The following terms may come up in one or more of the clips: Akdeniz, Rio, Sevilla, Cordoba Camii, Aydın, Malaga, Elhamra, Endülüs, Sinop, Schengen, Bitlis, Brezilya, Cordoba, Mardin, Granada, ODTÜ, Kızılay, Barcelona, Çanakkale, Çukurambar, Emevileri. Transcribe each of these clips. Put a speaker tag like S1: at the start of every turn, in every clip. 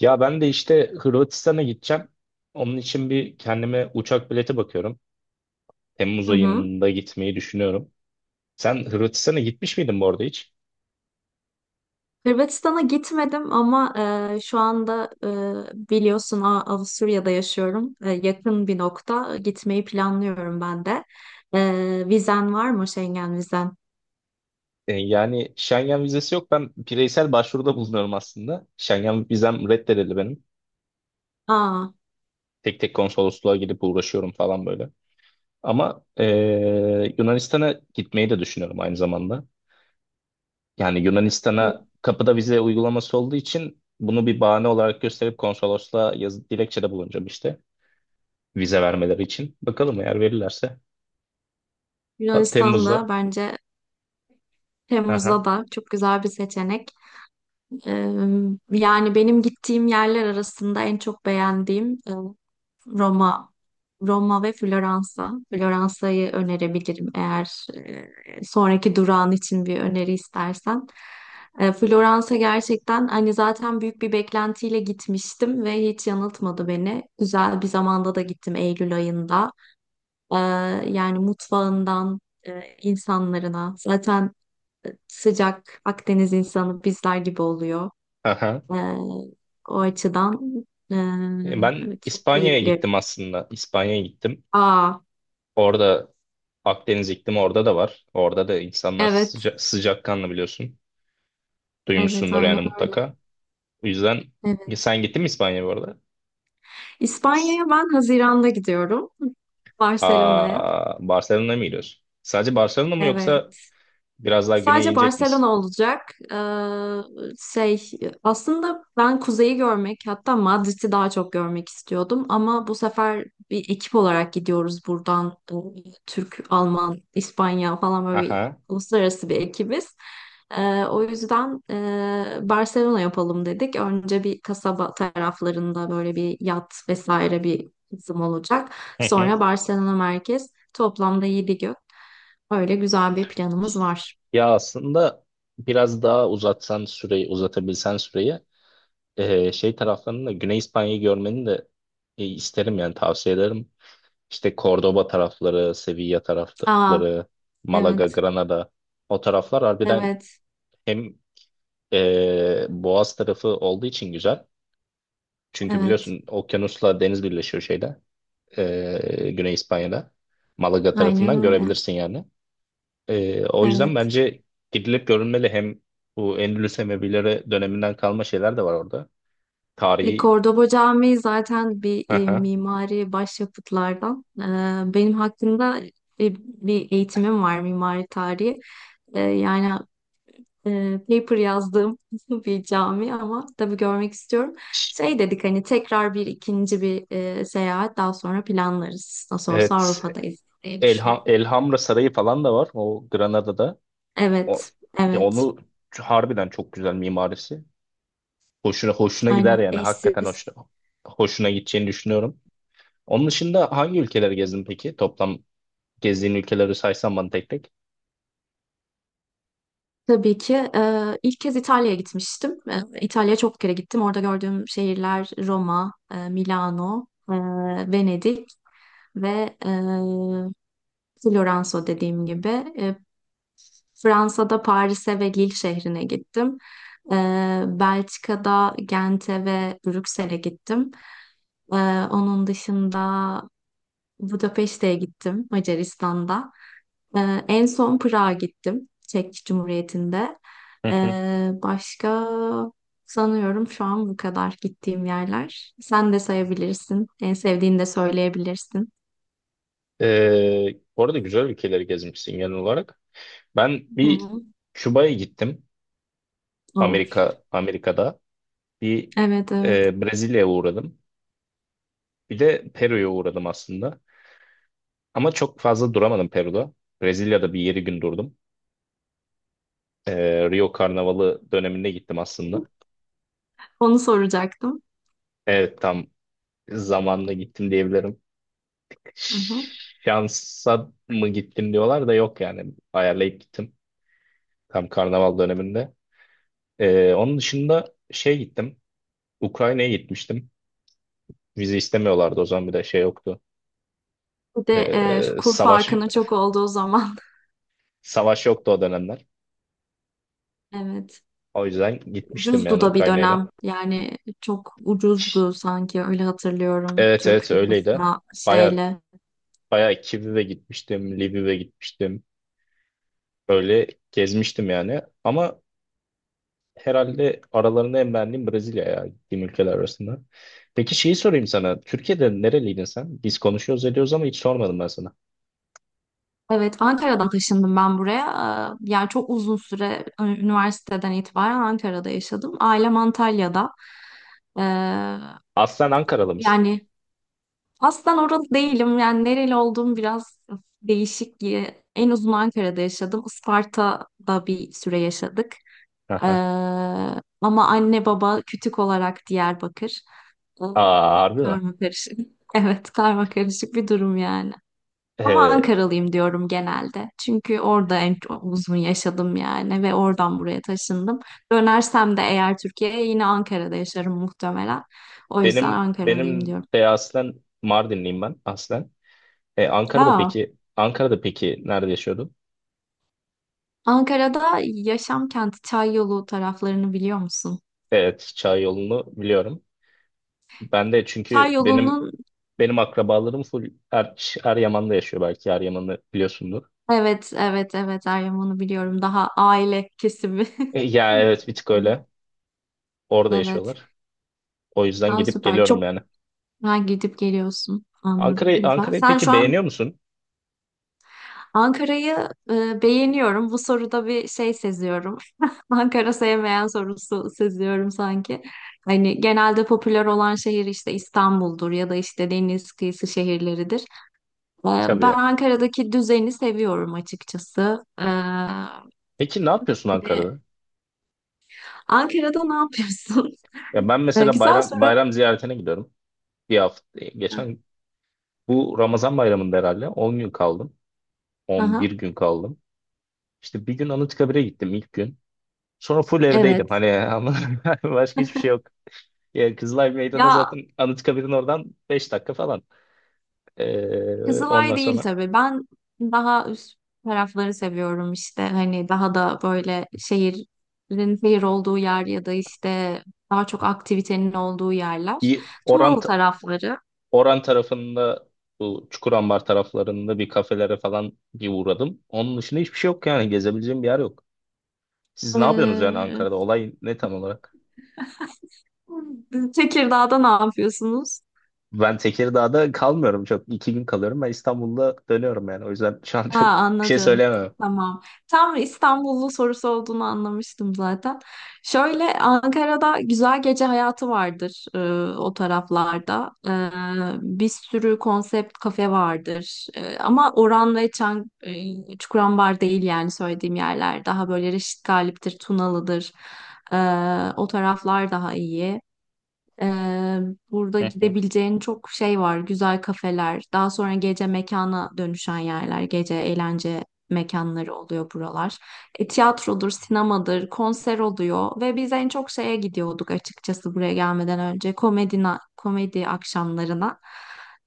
S1: Ya ben de işte Hırvatistan'a gideceğim. Onun için bir kendime uçak bileti bakıyorum. Temmuz
S2: Hı hı.
S1: ayında gitmeyi düşünüyorum. Sen Hırvatistan'a gitmiş miydin bu arada hiç?
S2: Hırvatistan'a gitmedim ama şu anda biliyorsun Avusturya'da yaşıyorum. Yakın bir nokta gitmeyi planlıyorum ben de. Vizen var mı Schengen vizen?
S1: Yani Schengen vizesi yok. Ben bireysel başvuruda bulunuyorum aslında. Schengen vizem reddedildi benim.
S2: Aa,
S1: Tek tek konsolosluğa gidip uğraşıyorum falan böyle. Ama Yunanistan'a gitmeyi de düşünüyorum aynı zamanda. Yani Yunanistan'a
S2: Yun-
S1: kapıda vize uygulaması olduğu için bunu bir bahane olarak gösterip konsolosluğa yazı dilekçede bulunacağım işte. Vize vermeleri için. Bakalım eğer verirlerse. Ha,
S2: Yunanistan'da
S1: Temmuz'da.
S2: bence
S1: Aha,
S2: Temmuz'da da çok güzel bir seçenek. Ee, Yani benim gittiğim yerler arasında en çok beğendiğim Roma, Roma ve Floransa. Floransa'yı önerebilirim eğer sonraki durağın için bir öneri istersen. Floransa gerçekten hani zaten büyük bir beklentiyle gitmiştim ve hiç yanıltmadı beni. Güzel bir zamanda da gittim Eylül ayında. E, Yani mutfağından insanlarına zaten sıcak Akdeniz insanı bizler gibi oluyor.
S1: aha.
S2: Ee, O açıdan
S1: Ben
S2: çok
S1: İspanya'ya
S2: keyifli.
S1: gittim aslında. İspanya'ya gittim.
S2: Aa,
S1: Orada Akdeniz iklimi orada da var. Orada da insanlar
S2: evet.
S1: sıcakkanlı biliyorsun.
S2: Evet,
S1: Duymuşsundur
S2: aynen
S1: yani
S2: öyle.
S1: mutlaka. O yüzden
S2: Evet.
S1: Sen gittin mi İspanya'ya bu arada? S-
S2: İspanya'ya ben Haziran'da gidiyorum. Barcelona'ya.
S1: Aa, Barcelona'ya mı gidiyorsun? Sadece Barcelona mı yoksa
S2: Evet.
S1: biraz daha güneye
S2: Sadece
S1: inecek
S2: Barcelona
S1: misin?
S2: olacak. Ee, şey aslında ben kuzeyi görmek hatta Madrid'i daha çok görmek istiyordum ama bu sefer bir ekip olarak gidiyoruz buradan. Türk, Alman, İspanya falan böyle bir
S1: Aha.
S2: uluslararası bir ekibiz. O yüzden Barcelona yapalım dedik. Önce bir kasaba taraflarında böyle bir yat vesaire bir kısım olacak.
S1: Hı hı.
S2: Sonra Barcelona merkez toplamda 7 gün. Öyle güzel bir planımız var.
S1: Ya aslında biraz daha uzatsan süreyi, uzatabilsen süreyi şey taraflarını da Güney İspanya'yı görmeni de isterim yani tavsiye ederim. İşte Cordoba tarafları, Sevilla
S2: Aa,
S1: tarafları, Malaga,
S2: evet,
S1: Granada o taraflar harbiden
S2: evet,
S1: hem Boğaz tarafı olduğu için güzel. Çünkü
S2: evet.
S1: biliyorsun okyanusla deniz birleşiyor şeyde Güney İspanya'da. Malaga
S2: Aynen
S1: tarafından
S2: öyle.
S1: görebilirsin yani. O yüzden
S2: Evet.
S1: bence gidilip görülmeli hem bu Endülüs Emevileri döneminden kalma şeyler de var orada. Tarihi.
S2: Cordoba Camii zaten bir
S1: Aha.
S2: mimari başyapıtlardan. Benim hakkında e, bir eğitimim var mimari tarihi. Yani paper yazdığım bir cami ama tabii görmek istiyorum. Şey dedik hani tekrar ikinci bir seyahat daha sonra planlarız. Nasıl olsa
S1: Evet,
S2: Avrupa'dayız diye düşünüyorum.
S1: Elhamra Sarayı falan da var o Granada'da. O
S2: Evet,
S1: ya
S2: evet.
S1: onu harbiden çok güzel mimarisi. Hoşuna gider
S2: Aynen
S1: yani hakikaten
S2: eşsiz.
S1: hoşuna gideceğini düşünüyorum. Onun dışında hangi ülkeleri gezdin peki? Toplam gezdiğin ülkeleri saysan bana tek tek.
S2: Tabii ki. İlk kez İtalya'ya gitmiştim. İtalya'ya çok kere gittim. Orada gördüğüm şehirler Roma, Milano, Venedik ve Floransa dediğim gibi. Eee, Fransa'da Paris'e ve Lille şehrine gittim. Belçika'da Gent'e ve Brüksel'e gittim. Onun dışında Budapeşte'ye gittim Macaristan'da. En son Prag'a gittim. Çek Cumhuriyeti'nde.
S1: Hı hı.
S2: Başka sanıyorum şu an bu kadar gittiğim yerler. Sen de sayabilirsin. En sevdiğini de söyleyebilirsin.
S1: Bu arada güzel ülkeleri gezmişsin genel olarak. Ben
S2: Hı
S1: bir
S2: hı.
S1: Küba'ya gittim.
S2: Oh,
S1: Amerika'da bir
S2: evet, evet.
S1: Brezilya'ya uğradım. Bir de Peru'ya uğradım aslında. Ama çok fazla duramadım Peru'da. Brezilya'da bir 7 gün durdum. Rio Karnavalı döneminde gittim aslında.
S2: Onu soracaktım.
S1: Evet, tam zamanla gittim diyebilirim.
S2: Hı hı.
S1: Şansa mı gittim diyorlar da yok yani. Ayarlayıp gittim tam karnaval döneminde. Onun dışında şey gittim. Ukrayna'ya gitmiştim. Vize istemiyorlardı o zaman, bir de şey yoktu.
S2: Bir de
S1: Ee,
S2: şu kur
S1: savaş
S2: farkının çok olduğu zaman.
S1: savaş yoktu o dönemler.
S2: Evet.
S1: O yüzden gitmiştim
S2: Ucuzdu
S1: yani
S2: da bir
S1: Ukrayna'ya da.
S2: dönem. Yani çok ucuzdu sanki öyle hatırlıyorum.
S1: Evet, evet,
S2: Türk
S1: öyleydi.
S2: lirasına
S1: Bayağı
S2: şeyle.
S1: Bayağı Kiev'e gitmiştim, Lviv'e gitmiştim. Böyle gezmiştim yani. Ama herhalde aralarında en beğendiğim Brezilya ya gittiğim ülkeler arasında. Peki şeyi sorayım sana. Türkiye'de nereliydin sen? Biz konuşuyoruz ediyoruz ama hiç sormadım ben sana.
S2: Evet, Ankara'dan taşındım ben buraya. Yani çok uzun süre üniversiteden itibaren Ankara'da yaşadım. Ailem Antalya'da. Ee,
S1: Aslen Ankaralı mısın?
S2: Yani aslen oralı değilim. Yani nereli olduğum biraz değişik diye. En uzun Ankara'da yaşadım. Isparta'da bir süre yaşadık. Ee,
S1: Aha.
S2: Ama anne baba kütük olarak Diyarbakır. Ee,
S1: Aa, harbi mi?
S2: Karma karışık. Evet, karma karışık bir durum yani. Ama
S1: Ee,
S2: Ankaralıyım diyorum genelde. Çünkü orada en çok uzun yaşadım yani ve oradan buraya taşındım. Dönersem de eğer Türkiye'ye yine Ankara'da yaşarım muhtemelen. O yüzden
S1: benim
S2: Ankaralıyım
S1: benim
S2: diyorum.
S1: de aslen Mardinliyim ben aslen. Ankara'da
S2: Aa,
S1: peki Ankara'da peki nerede yaşıyordun?
S2: Ankara'da yaşam kenti Çayyolu taraflarını biliyor musun?
S1: Evet, Çay yolunu biliyorum. Ben de çünkü benim
S2: Çayyolu'nun
S1: Benim akrabalarım full Eryaman'da yaşıyor belki. Eryaman'ı biliyorsundur.
S2: evet, evet, evet, Meryem onu biliyorum. Daha aile kesimi.
S1: E, ya evet, bir tık öyle. Orada
S2: Evet.
S1: yaşıyorlar. O yüzden
S2: Daha
S1: gidip
S2: süper.
S1: geliyorum
S2: Çok
S1: yani.
S2: güzel gidip geliyorsun. Anladım.
S1: Ankara'yı
S2: Güzel.
S1: Ankara'yı
S2: Sen şu
S1: peki
S2: an
S1: beğeniyor musun?
S2: Ankara'yı beğeniyorum. Bu soruda bir şey seziyorum. Ankara sevmeyen sorusu seziyorum sanki. Hani genelde popüler olan şehir işte İstanbul'dur ya da işte deniz kıyısı şehirleridir. Ben
S1: Tabii.
S2: Ankara'daki düzeni seviyorum açıkçası.
S1: Peki ne yapıyorsun
S2: Bir de
S1: Ankara'da?
S2: Ankara'da ne yapıyorsun?
S1: Ya ben
S2: E,
S1: mesela
S2: güzel
S1: bayram
S2: soru.
S1: bayram ziyaretine gidiyorum. Geçen bu Ramazan bayramında herhalde 10 gün kaldım. 11
S2: Aha,
S1: gün kaldım. İşte bir gün Anıtkabir'e gittim ilk gün. Sonra full evdeydim.
S2: evet.
S1: Hani ama başka hiçbir şey yok. Ya Kızılay Meydanı
S2: Ya
S1: zaten Anıtkabir'in oradan 5 dakika falan. Ondan
S2: Kızılay değil
S1: sonra
S2: tabii. Ben daha üst tarafları seviyorum işte. Hani daha da böyle şehir olduğu yer ya da işte daha çok aktivitenin olduğu yerler.
S1: iyi Oran
S2: Tumalı tarafları.
S1: Oran tarafında, bu Çukurambar taraflarında bir kafelere falan bir uğradım. Onun dışında hiçbir şey yok yani, gezebileceğim bir yer yok. Siz ne yapıyorsunuz yani
S2: Ee,
S1: Ankara'da? Olay ne tam olarak?
S2: Tekirdağ'da ne yapıyorsunuz?
S1: Ben Tekirdağ'da kalmıyorum çok. 2 gün kalıyorum. Ben İstanbul'da dönüyorum yani. O yüzden şu an
S2: Ha,
S1: çok bir şey
S2: anladım.
S1: söyleyemem.
S2: Tamam. Tam İstanbullu sorusu olduğunu anlamıştım zaten. Şöyle Ankara'da güzel gece hayatı vardır o taraflarda. Bir sürü konsept kafe vardır. Ama Oran ve Çukurambar değil yani söylediğim yerler. Daha böyle Reşit Galip'tir, Tunalı'dır. E, O taraflar daha iyi. Ee, Burada
S1: Hı hı,
S2: gidebileceğin çok şey var. Güzel kafeler, daha sonra gece mekana dönüşen yerler, gece eğlence mekanları oluyor buralar. Tiyatrodur, sinemadır, konser oluyor ve biz en çok şeye gidiyorduk açıkçası buraya gelmeden önce komedi akşamlarına,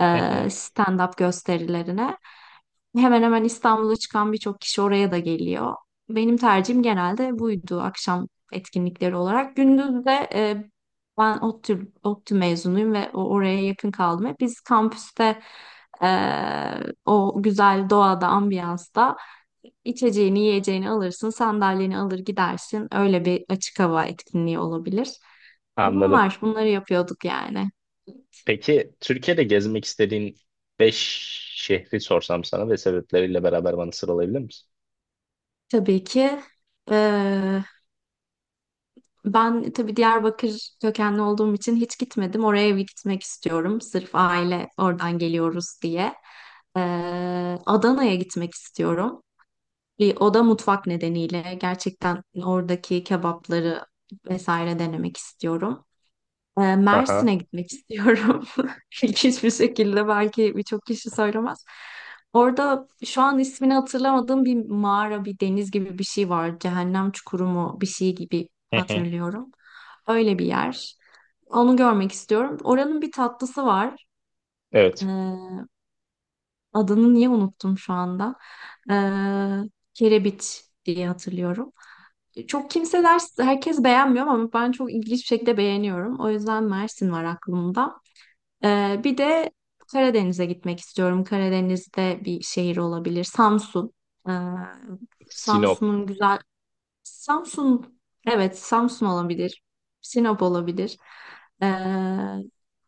S2: e,
S1: hı hı.
S2: stand-up gösterilerine. Hemen hemen İstanbul'a çıkan birçok kişi oraya da geliyor. Benim tercihim genelde buydu akşam etkinlikleri olarak. Gündüz de ben ODTÜ mezunuyum ve oraya yakın kaldım. Hep biz kampüste eee, o güzel doğada, ambiyansta içeceğini, yiyeceğini alırsın, sandalyeni alır gidersin. Öyle bir açık hava etkinliği olabilir.
S1: Anladım.
S2: Bunları yapıyorduk yani.
S1: Peki Türkiye'de gezmek istediğin 5 şehri sorsam sana ve sebepleriyle beraber bana sıralayabilir misin?
S2: Tabii ki eee, ben tabii Diyarbakır kökenli olduğum için hiç gitmedim. Oraya bir gitmek istiyorum. Sırf aile oradan geliyoruz diye. Adana'ya gitmek istiyorum. O da mutfak nedeniyle gerçekten oradaki kebapları vesaire denemek istiyorum.
S1: Aha.
S2: Mersin'e gitmek istiyorum. İlginç bir şekilde belki birçok kişi söylemez. Orada şu an ismini hatırlamadığım bir mağara, bir deniz gibi bir şey var. Cehennem çukuru mu bir şey gibi
S1: Hı hı.
S2: hatırlıyorum. Öyle bir yer. Onu görmek istiyorum. Oranın bir tatlısı var. Ee,
S1: Evet.
S2: Adını niye unuttum şu anda? Ee, Kerebiç diye hatırlıyorum. Çok kimseler, herkes beğenmiyor ama ben çok ilginç bir şekilde beğeniyorum. O yüzden Mersin var aklımda. Bir de Karadeniz'e gitmek istiyorum. Karadeniz'de bir şehir olabilir. Samsun. Ee,
S1: Sinop.
S2: Samsun'un güzel... Samsun, evet, Samsun olabilir. Sinop olabilir. Ee,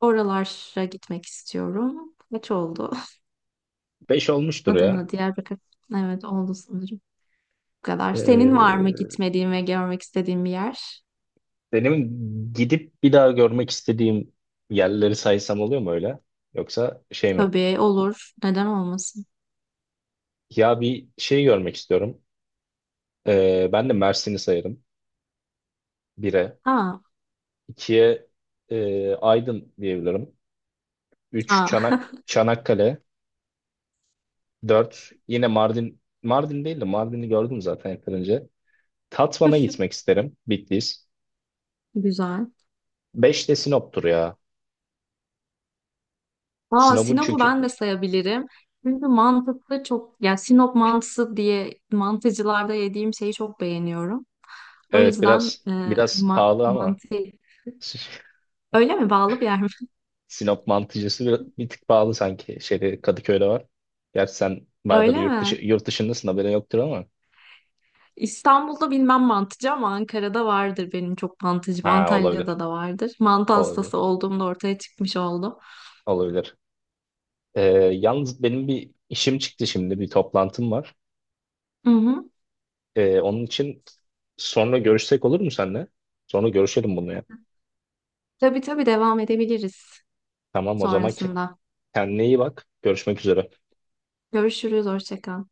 S2: Oralara gitmek istiyorum. Kaç oldu?
S1: 5 olmuştur
S2: Adana,
S1: ya.
S2: Diyarbakır. Evet, oldu sanırım. Bu kadar. Senin var mı
S1: Ee,
S2: gitmediğin ve görmek istediğin bir yer?
S1: benim gidip bir daha görmek istediğim yerleri saysam oluyor mu öyle? Yoksa şey mi?
S2: Tabii olur. Neden olmasın?
S1: Ya bir şey görmek istiyorum. Ben de Mersin'i sayarım. 1'e.
S2: Ha,
S1: 2'ye Aydın diyebilirim. Üç
S2: ha.
S1: Çanakkale. Dört yine Mardin. Mardin değil de, Mardin'i gördüm zaten yakın önce. Tatvan'a gitmek isterim. Bitlis.
S2: Güzel.
S1: 5 de Sinop'tur ya.
S2: Aa,
S1: Sinop'un
S2: Sinop'u
S1: çünkü.
S2: ben de sayabilirim. Çünkü mantıklı çok, yani Sinop mantısı diye mantıcılarda yediğim şeyi çok beğeniyorum. O
S1: Evet,
S2: yüzden
S1: biraz biraz pahalı ama.
S2: mantı. Öyle mi? Bağlı bir yer mi?
S1: Sinop mantıcısı bir tık pahalı sanki. Şeyde Kadıköy'de var. Gerçi sen bayağıdır
S2: Öyle mi?
S1: yurt dışındasın, haberin yoktur ama.
S2: İstanbul'da bilmem mantıcı ama Ankara'da vardır benim çok mantıcım.
S1: Ha, olabilir.
S2: Antalya'da da vardır. Mantı hastası
S1: Olabilir.
S2: olduğumda ortaya çıkmış oldu.
S1: Olabilir. Ee, yalnız benim bir işim çıktı şimdi. Bir toplantım var.
S2: Hı hı.
S1: Onun için sonra görüşsek olur mu seninle? Sonra görüşelim bunu ya.
S2: Tabii, tabii, devam edebiliriz
S1: Tamam, o zaman
S2: sonrasında.
S1: kendine iyi bak. Görüşmek üzere.
S2: Görüşürüz. Hoşça kal.